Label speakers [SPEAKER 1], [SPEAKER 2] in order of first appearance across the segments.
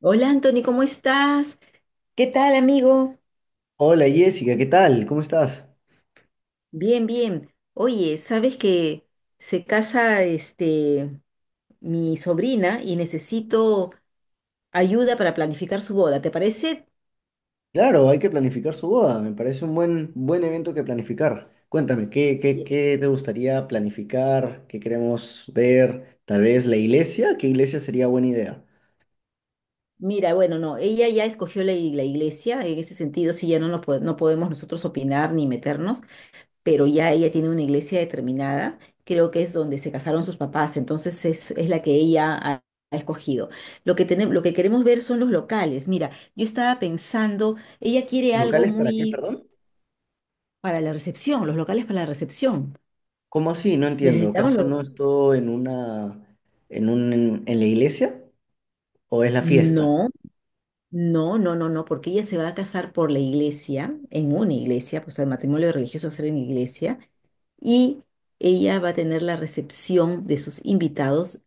[SPEAKER 1] Hola Anthony, ¿cómo estás? ¿Qué tal, amigo?
[SPEAKER 2] Hola Jessica, ¿qué tal? ¿Cómo estás?
[SPEAKER 1] Bien, bien. Oye, sabes que se casa mi sobrina y necesito ayuda para planificar su boda, ¿te parece?
[SPEAKER 2] Claro, hay que planificar su boda, me parece un buen evento que planificar. Cuéntame, ¿qué, qué,
[SPEAKER 1] Ya.
[SPEAKER 2] qué te gustaría planificar? ¿Qué queremos ver? Tal vez la iglesia, ¿qué iglesia sería buena idea?
[SPEAKER 1] Mira, bueno, no, ella ya escogió la iglesia, en ese sentido sí ya no, no podemos nosotros opinar ni meternos. Pero ya ella tiene una iglesia determinada, creo que es donde se casaron sus papás, entonces es la que ella ha escogido. Lo que tenemos, lo que queremos ver son los locales. Mira, yo estaba pensando, ella quiere algo
[SPEAKER 2] ¿Locales para qué,
[SPEAKER 1] muy
[SPEAKER 2] perdón?
[SPEAKER 1] para la recepción, los locales para la recepción.
[SPEAKER 2] ¿Cómo así? No entiendo.
[SPEAKER 1] Necesitamos
[SPEAKER 2] ¿Acaso
[SPEAKER 1] los...
[SPEAKER 2] no es todo en en la iglesia? ¿O es la fiesta?
[SPEAKER 1] No, no, no, no, no, porque ella se va a casar por la iglesia, en una iglesia, pues el matrimonio religioso va a ser en iglesia, y ella va a tener la recepción de sus invitados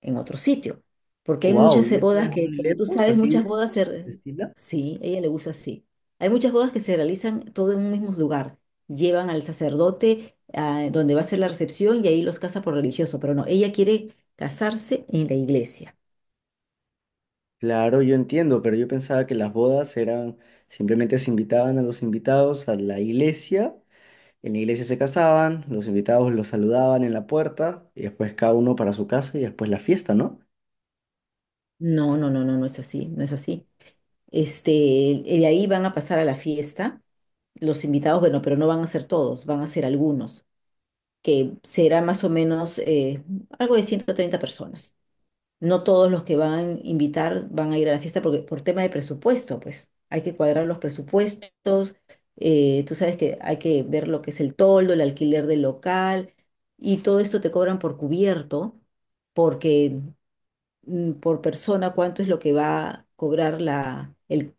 [SPEAKER 1] en otro sitio. Porque hay
[SPEAKER 2] Wow,
[SPEAKER 1] muchas
[SPEAKER 2] ¿y eso
[SPEAKER 1] bodas
[SPEAKER 2] es
[SPEAKER 1] que,
[SPEAKER 2] muy
[SPEAKER 1] como tú
[SPEAKER 2] lejos,
[SPEAKER 1] sabes,
[SPEAKER 2] así
[SPEAKER 1] muchas bodas se... re-
[SPEAKER 2] de estilo?
[SPEAKER 1] Sí, a ella le gusta así. Hay muchas bodas que se realizan todo en un mismo lugar. Llevan al sacerdote a donde va a ser la recepción y ahí los casa por religioso. Pero no, ella quiere casarse en la iglesia.
[SPEAKER 2] Claro, yo entiendo, pero yo pensaba que las bodas eran simplemente se invitaban a los invitados a la iglesia, en la iglesia se casaban, los invitados los saludaban en la puerta y después cada uno para su casa y después la fiesta, ¿no?
[SPEAKER 1] No, no, no, no, no es así, no es así. Este, y de ahí van a pasar a la fiesta los invitados, bueno, pero no van a ser todos, van a ser algunos, que será más o menos algo de 130 personas. No todos los que van a invitar van a ir a la fiesta porque por tema de presupuesto, pues hay que cuadrar los presupuestos. Tú sabes que hay que ver lo que es el toldo, el alquiler del local y todo esto te cobran por cubierto, porque por persona cuánto es lo que va a cobrar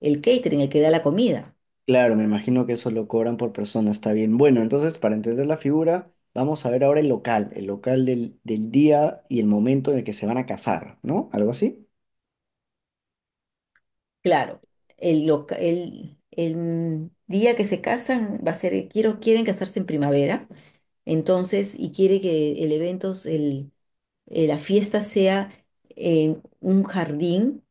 [SPEAKER 1] el catering, el que da la comida.
[SPEAKER 2] Claro, me imagino que eso lo cobran por persona, está bien. Bueno, entonces para entender la figura, vamos a ver ahora el local del día y el momento en el que se van a casar, ¿no? ¿Algo así?
[SPEAKER 1] Claro, el día que se casan va a ser, quieren casarse en primavera. Entonces, y quiere que el evento, la fiesta sea en un jardín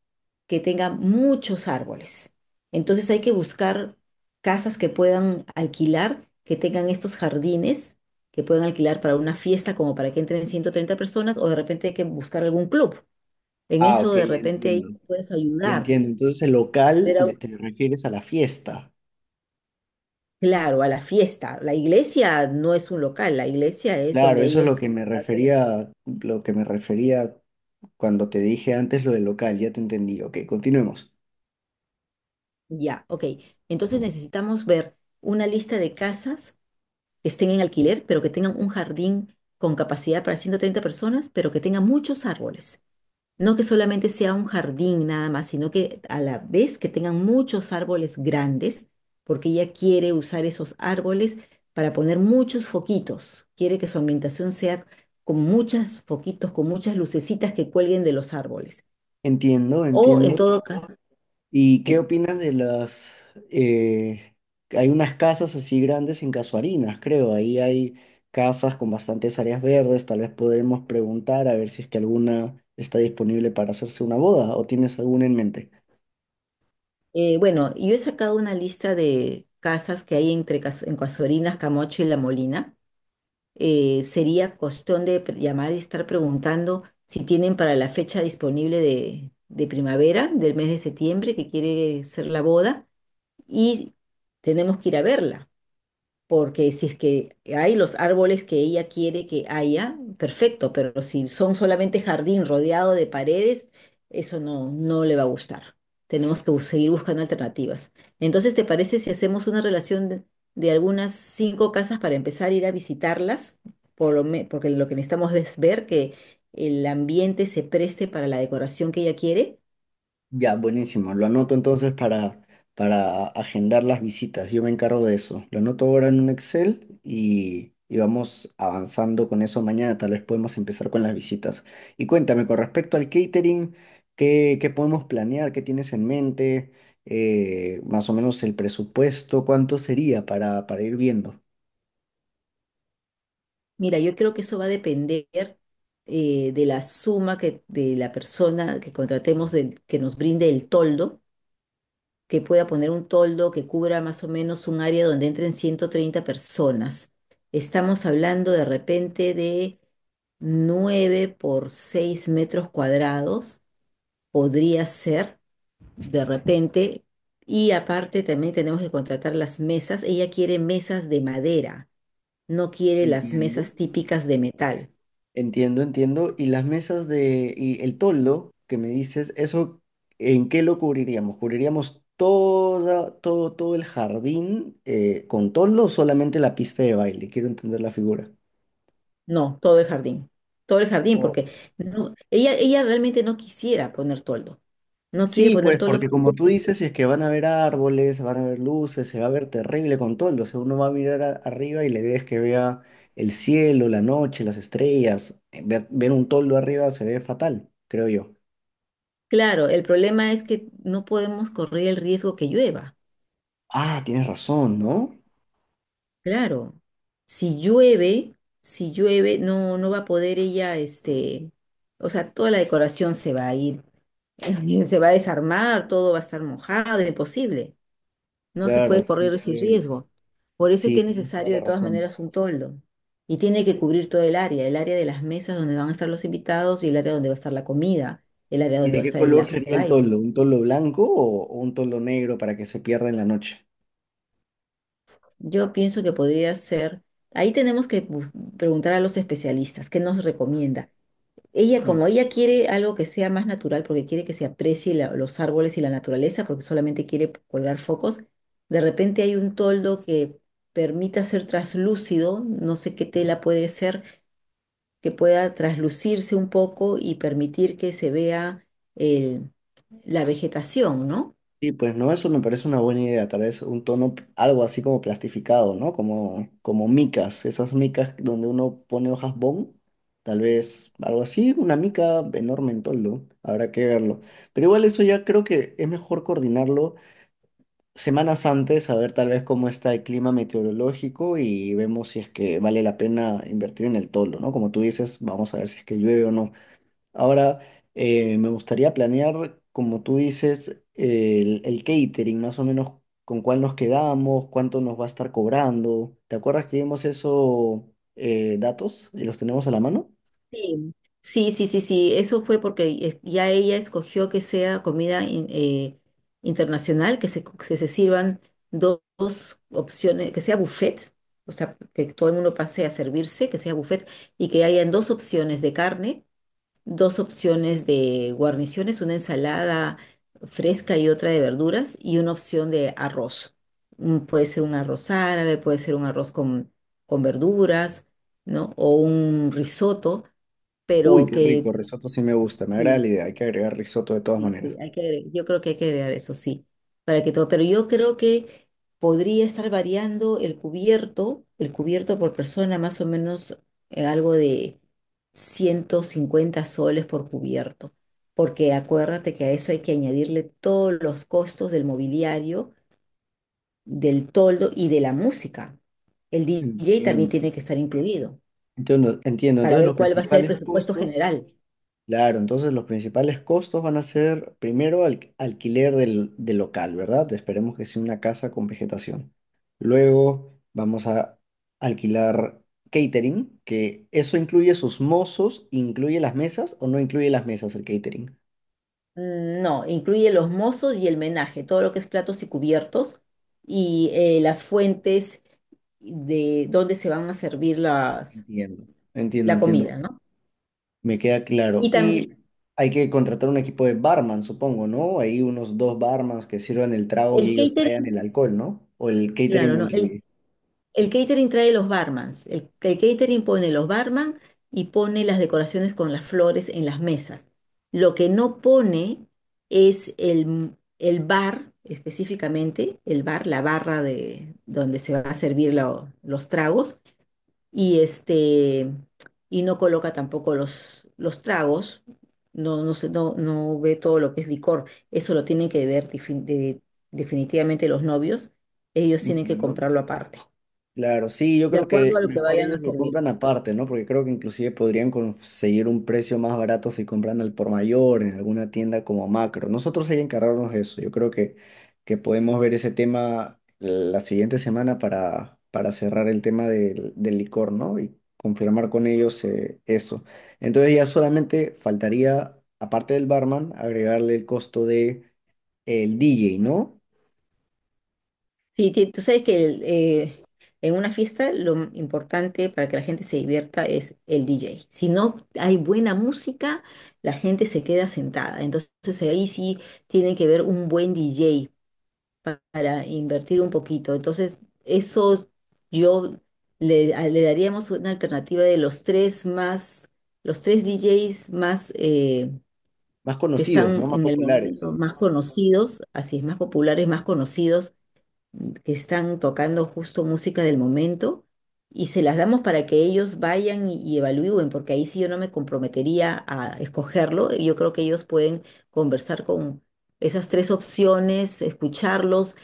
[SPEAKER 1] que tenga muchos árboles. Entonces hay que buscar casas que puedan alquilar, que tengan estos jardines, que puedan alquilar para una fiesta como para que entren 130 personas o de repente hay que buscar algún club. En
[SPEAKER 2] Ah,
[SPEAKER 1] eso
[SPEAKER 2] ok,
[SPEAKER 1] de
[SPEAKER 2] ya
[SPEAKER 1] repente ahí
[SPEAKER 2] entiendo.
[SPEAKER 1] puedes
[SPEAKER 2] Ya
[SPEAKER 1] ayudar.
[SPEAKER 2] entiendo. Entonces el
[SPEAKER 1] Pero
[SPEAKER 2] te refieres a la fiesta.
[SPEAKER 1] claro, a la fiesta. La iglesia no es un local, la iglesia es
[SPEAKER 2] Claro,
[SPEAKER 1] donde
[SPEAKER 2] eso es lo
[SPEAKER 1] ellos...
[SPEAKER 2] que me
[SPEAKER 1] hacen.
[SPEAKER 2] refería, lo que me refería cuando te dije antes lo del local, ya te entendí. Ok, continuemos.
[SPEAKER 1] Ya, ok. Entonces necesitamos ver una lista de casas que estén en alquiler, pero que tengan un jardín con capacidad para 130 personas, pero que tengan muchos árboles. No que solamente sea un jardín nada más, sino que a la vez que tengan muchos árboles grandes, porque ella quiere usar esos árboles para poner muchos foquitos. Quiere que su ambientación sea con muchos foquitos, con muchas lucecitas que cuelguen de los árboles.
[SPEAKER 2] Entiendo,
[SPEAKER 1] O en
[SPEAKER 2] entiendo.
[SPEAKER 1] todo Entiendo. Caso,
[SPEAKER 2] ¿Y
[SPEAKER 1] sí.
[SPEAKER 2] qué opinas de las... eh, hay unas casas así grandes en Casuarinas, creo. Ahí hay casas con bastantes áreas verdes. Tal vez podremos preguntar a ver si es que alguna está disponible para hacerse una boda o tienes alguna en mente.
[SPEAKER 1] Bueno, yo he sacado una lista de casas que hay entre Cas- en Casuarinas, Camocho y La Molina. Sería cuestión de llamar y estar preguntando si tienen para la fecha disponible de primavera, del mes de septiembre, que quiere ser la boda, y tenemos que ir a verla. Porque si es que hay los árboles que ella quiere que haya, perfecto, pero si son solamente jardín rodeado de paredes, eso no, no le va a gustar. Tenemos que seguir buscando alternativas. Entonces, ¿te parece si hacemos una relación de algunas cinco casas para empezar a ir a visitarlas? Por porque lo que necesitamos es ver que el ambiente se preste para la decoración que ella quiere.
[SPEAKER 2] Ya, buenísimo. Lo anoto entonces para agendar las visitas. Yo me encargo de eso. Lo anoto ahora en un Excel y vamos avanzando con eso mañana. Tal vez podemos empezar con las visitas. Y cuéntame, con respecto al catering, ¿qué podemos planear? ¿Qué tienes en mente? Más o menos el presupuesto, ¿cuánto sería para ir viendo?
[SPEAKER 1] Mira, yo creo que eso va a depender de la suma que de la persona que contratemos que nos brinde el toldo, que pueda poner un toldo que cubra más o menos un área donde entren 130 personas. Estamos hablando de repente de 9 por 6 metros cuadrados, podría ser de repente. Y aparte también tenemos que contratar las mesas. Ella quiere mesas de madera, no quiere las
[SPEAKER 2] Entiendo.
[SPEAKER 1] mesas típicas de metal.
[SPEAKER 2] Entiendo, entiendo. Y las y el toldo que me dices, ¿eso en qué lo cubriríamos? ¿Cubriríamos todo el jardín con toldo o solamente la pista de baile? Quiero entender la figura.
[SPEAKER 1] No, todo el jardín. Todo el jardín,
[SPEAKER 2] Oh.
[SPEAKER 1] porque no, ella realmente no quisiera poner toldo. No quiere
[SPEAKER 2] Sí,
[SPEAKER 1] poner
[SPEAKER 2] pues
[SPEAKER 1] toldo
[SPEAKER 2] porque
[SPEAKER 1] porque,
[SPEAKER 2] como tú dices, si es que van a haber árboles, van a haber luces, se va a ver terrible con toldo. O sea, uno va a mirar arriba y la idea es que vea el cielo, la noche, las estrellas. Ver un toldo arriba se ve fatal, creo yo.
[SPEAKER 1] claro, el problema es que no podemos correr el riesgo que llueva.
[SPEAKER 2] Ah, tienes razón, ¿no?
[SPEAKER 1] Claro. Si llueve, si llueve, no, no va a poder ella, este, o sea, toda la decoración se va a ir, se va a desarmar, todo va a estar mojado, imposible. No se
[SPEAKER 2] Claro,
[SPEAKER 1] puede
[SPEAKER 2] sí,
[SPEAKER 1] correr ese
[SPEAKER 2] pues.
[SPEAKER 1] riesgo. Por eso es
[SPEAKER 2] Sí,
[SPEAKER 1] que es
[SPEAKER 2] tienes toda
[SPEAKER 1] necesario
[SPEAKER 2] la
[SPEAKER 1] de todas
[SPEAKER 2] razón.
[SPEAKER 1] maneras un toldo. Y tiene que
[SPEAKER 2] Sí.
[SPEAKER 1] cubrir todo el área de las mesas donde van a estar los invitados y el área donde va a estar la comida, el área
[SPEAKER 2] ¿Y
[SPEAKER 1] donde
[SPEAKER 2] de
[SPEAKER 1] va a
[SPEAKER 2] qué
[SPEAKER 1] estar el
[SPEAKER 2] color
[SPEAKER 1] lápiz de
[SPEAKER 2] sería el
[SPEAKER 1] baile.
[SPEAKER 2] toldo? ¿Un toldo blanco o un toldo negro para que se pierda en la noche?
[SPEAKER 1] Yo pienso que podría ser, ahí tenemos que preguntar a los especialistas qué nos recomienda.
[SPEAKER 2] Mm.
[SPEAKER 1] Como ella quiere algo que sea más natural, porque quiere que se aprecie los árboles y la naturaleza, porque solamente quiere colgar focos, de repente hay un toldo que permita ser traslúcido, no sé qué tela puede ser, que pueda traslucirse un poco y permitir que se vea el- la vegetación, ¿no?
[SPEAKER 2] Sí, pues no, eso me parece una buena idea. Tal vez un tono, algo así como plastificado, ¿no? Como micas, esas micas donde uno pone hojas bond. Tal vez algo así, una mica enorme en toldo. Habrá que verlo. Pero igual eso ya creo que es mejor coordinarlo. Semanas antes a ver tal vez cómo está el clima meteorológico y vemos si es que vale la pena invertir en el toldo, ¿no? Como tú dices, vamos a ver si es que llueve o no. Ahora, me gustaría planear, como tú dices, el catering, más o menos con cuál nos quedamos, cuánto nos va a estar cobrando. ¿Te acuerdas que vimos eso, datos y los tenemos a la mano?
[SPEAKER 1] Sí, sí, sí, sí, sí, eso fue porque ya ella escogió que sea comida internacional, que se, que se sirvan dos opciones, que sea buffet, o sea, que todo el mundo pase a servirse, que sea buffet, y que hayan dos opciones de carne, dos opciones de guarniciones, una ensalada fresca y otra de verduras, y una opción de arroz. Puede ser un arroz árabe, puede ser un arroz con verduras, ¿no? O un risotto
[SPEAKER 2] Uy,
[SPEAKER 1] pero
[SPEAKER 2] qué
[SPEAKER 1] que
[SPEAKER 2] rico, risotto sí me gusta, me agrada la
[SPEAKER 1] sí,
[SPEAKER 2] idea, hay que agregar risotto de todas
[SPEAKER 1] sí, sí,
[SPEAKER 2] maneras.
[SPEAKER 1] hay que yo creo que hay que agregar eso, sí, para que todo, pero yo creo que podría estar variando el cubierto por persona, más o menos algo de 150 soles por cubierto, porque acuérdate que a eso hay que añadirle todos los costos del mobiliario, del toldo y de la música. El DJ también
[SPEAKER 2] Entiendo.
[SPEAKER 1] tiene que estar incluido
[SPEAKER 2] Entiendo, entiendo.
[SPEAKER 1] para
[SPEAKER 2] Entonces
[SPEAKER 1] ver
[SPEAKER 2] los
[SPEAKER 1] cuál va a ser el
[SPEAKER 2] principales
[SPEAKER 1] presupuesto
[SPEAKER 2] costos.
[SPEAKER 1] general.
[SPEAKER 2] Claro, entonces los principales costos van a ser primero alquiler del local, ¿verdad? Esperemos que sea una casa con vegetación. Luego vamos a alquilar catering, que eso incluye sus mozos, incluye las mesas o no incluye las mesas el catering.
[SPEAKER 1] No, incluye los mozos y el menaje, todo lo que es platos y cubiertos y las fuentes de donde se van a servir
[SPEAKER 2] Entiendo. Entiendo,
[SPEAKER 1] la
[SPEAKER 2] entiendo.
[SPEAKER 1] comida, ¿no?
[SPEAKER 2] Me queda
[SPEAKER 1] Y
[SPEAKER 2] claro. Y
[SPEAKER 1] también
[SPEAKER 2] hay que contratar un equipo de barman, supongo, ¿no? Hay unos dos barmans que sirvan el trago y
[SPEAKER 1] el
[SPEAKER 2] ellos traigan el
[SPEAKER 1] catering,
[SPEAKER 2] alcohol, ¿no? O el catering
[SPEAKER 1] claro,
[SPEAKER 2] lo
[SPEAKER 1] ¿no?
[SPEAKER 2] incluye.
[SPEAKER 1] El catering trae los barmans. El catering pone los barman y pone las decoraciones con las flores en las mesas. Lo que no pone es el bar, específicamente, el bar, la barra de donde se va a servir los tragos y este y no coloca tampoco los tragos, no, no sé, no, no ve todo lo que es licor, eso lo tienen que ver definitivamente los novios, ellos tienen que
[SPEAKER 2] Entiendo.
[SPEAKER 1] comprarlo aparte,
[SPEAKER 2] Claro, sí, yo
[SPEAKER 1] de
[SPEAKER 2] creo
[SPEAKER 1] acuerdo
[SPEAKER 2] que
[SPEAKER 1] a lo que
[SPEAKER 2] mejor
[SPEAKER 1] vayan a
[SPEAKER 2] ellos lo
[SPEAKER 1] servir.
[SPEAKER 2] compran aparte, ¿no? Porque creo que inclusive podrían conseguir un precio más barato si compran al por mayor en alguna tienda como Macro. Nosotros hay que encargarnos de eso. Yo creo que podemos ver ese tema la siguiente semana para cerrar el tema del licor, ¿no? Y confirmar con ellos eso. Entonces ya solamente faltaría, aparte del barman, agregarle el costo de el DJ, ¿no?
[SPEAKER 1] Sí, tú sabes que en una fiesta lo importante para que la gente se divierta es el DJ. Si no hay buena música, la gente se queda sentada. Entonces ahí sí tiene que ver un buen DJ para invertir un poquito. Entonces, eso yo le daríamos una alternativa de los tres más, los tres DJs más
[SPEAKER 2] Más
[SPEAKER 1] que
[SPEAKER 2] conocidos, ¿no?
[SPEAKER 1] están
[SPEAKER 2] Más
[SPEAKER 1] en el
[SPEAKER 2] populares.
[SPEAKER 1] momento más conocidos, así es, más populares, más conocidos, que están tocando justo música del momento. Y se las damos para que ellos vayan y evalúen, porque ahí sí yo no me comprometería a escogerlo. Yo creo que ellos pueden conversar con esas tres opciones, escucharlos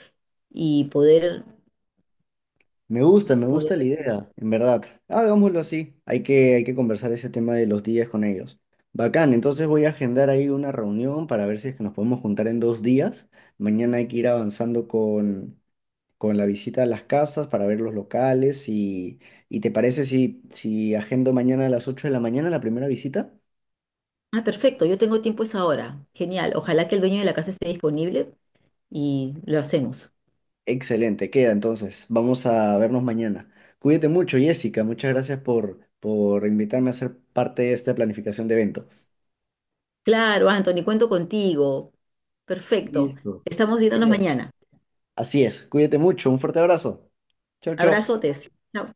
[SPEAKER 1] y poder,
[SPEAKER 2] Me
[SPEAKER 1] poder
[SPEAKER 2] gusta la
[SPEAKER 1] recibir.
[SPEAKER 2] idea, en verdad. Hagámoslo así. Hay que conversar ese tema de los días con ellos. Bacán, entonces voy a agendar ahí una reunión para ver si es que nos podemos juntar en 2 días. Mañana hay que ir avanzando con la visita a las casas para ver los locales y ¿te parece si agendo mañana a las 8 de la mañana la primera visita?
[SPEAKER 1] Ah, perfecto, yo tengo tiempo esa hora. Genial. Ojalá que el dueño de la casa esté disponible y lo hacemos.
[SPEAKER 2] Excelente, queda entonces. Vamos a vernos mañana. Cuídate mucho, Jessica. Muchas gracias por invitarme a ser parte de esta planificación de evento.
[SPEAKER 1] Claro, Anthony, cuento contigo. Perfecto.
[SPEAKER 2] Listo.
[SPEAKER 1] Estamos viéndonos
[SPEAKER 2] Queda.
[SPEAKER 1] mañana.
[SPEAKER 2] Así es. Cuídate mucho. Un fuerte abrazo. Chau, chau.
[SPEAKER 1] Abrazotes. Chao.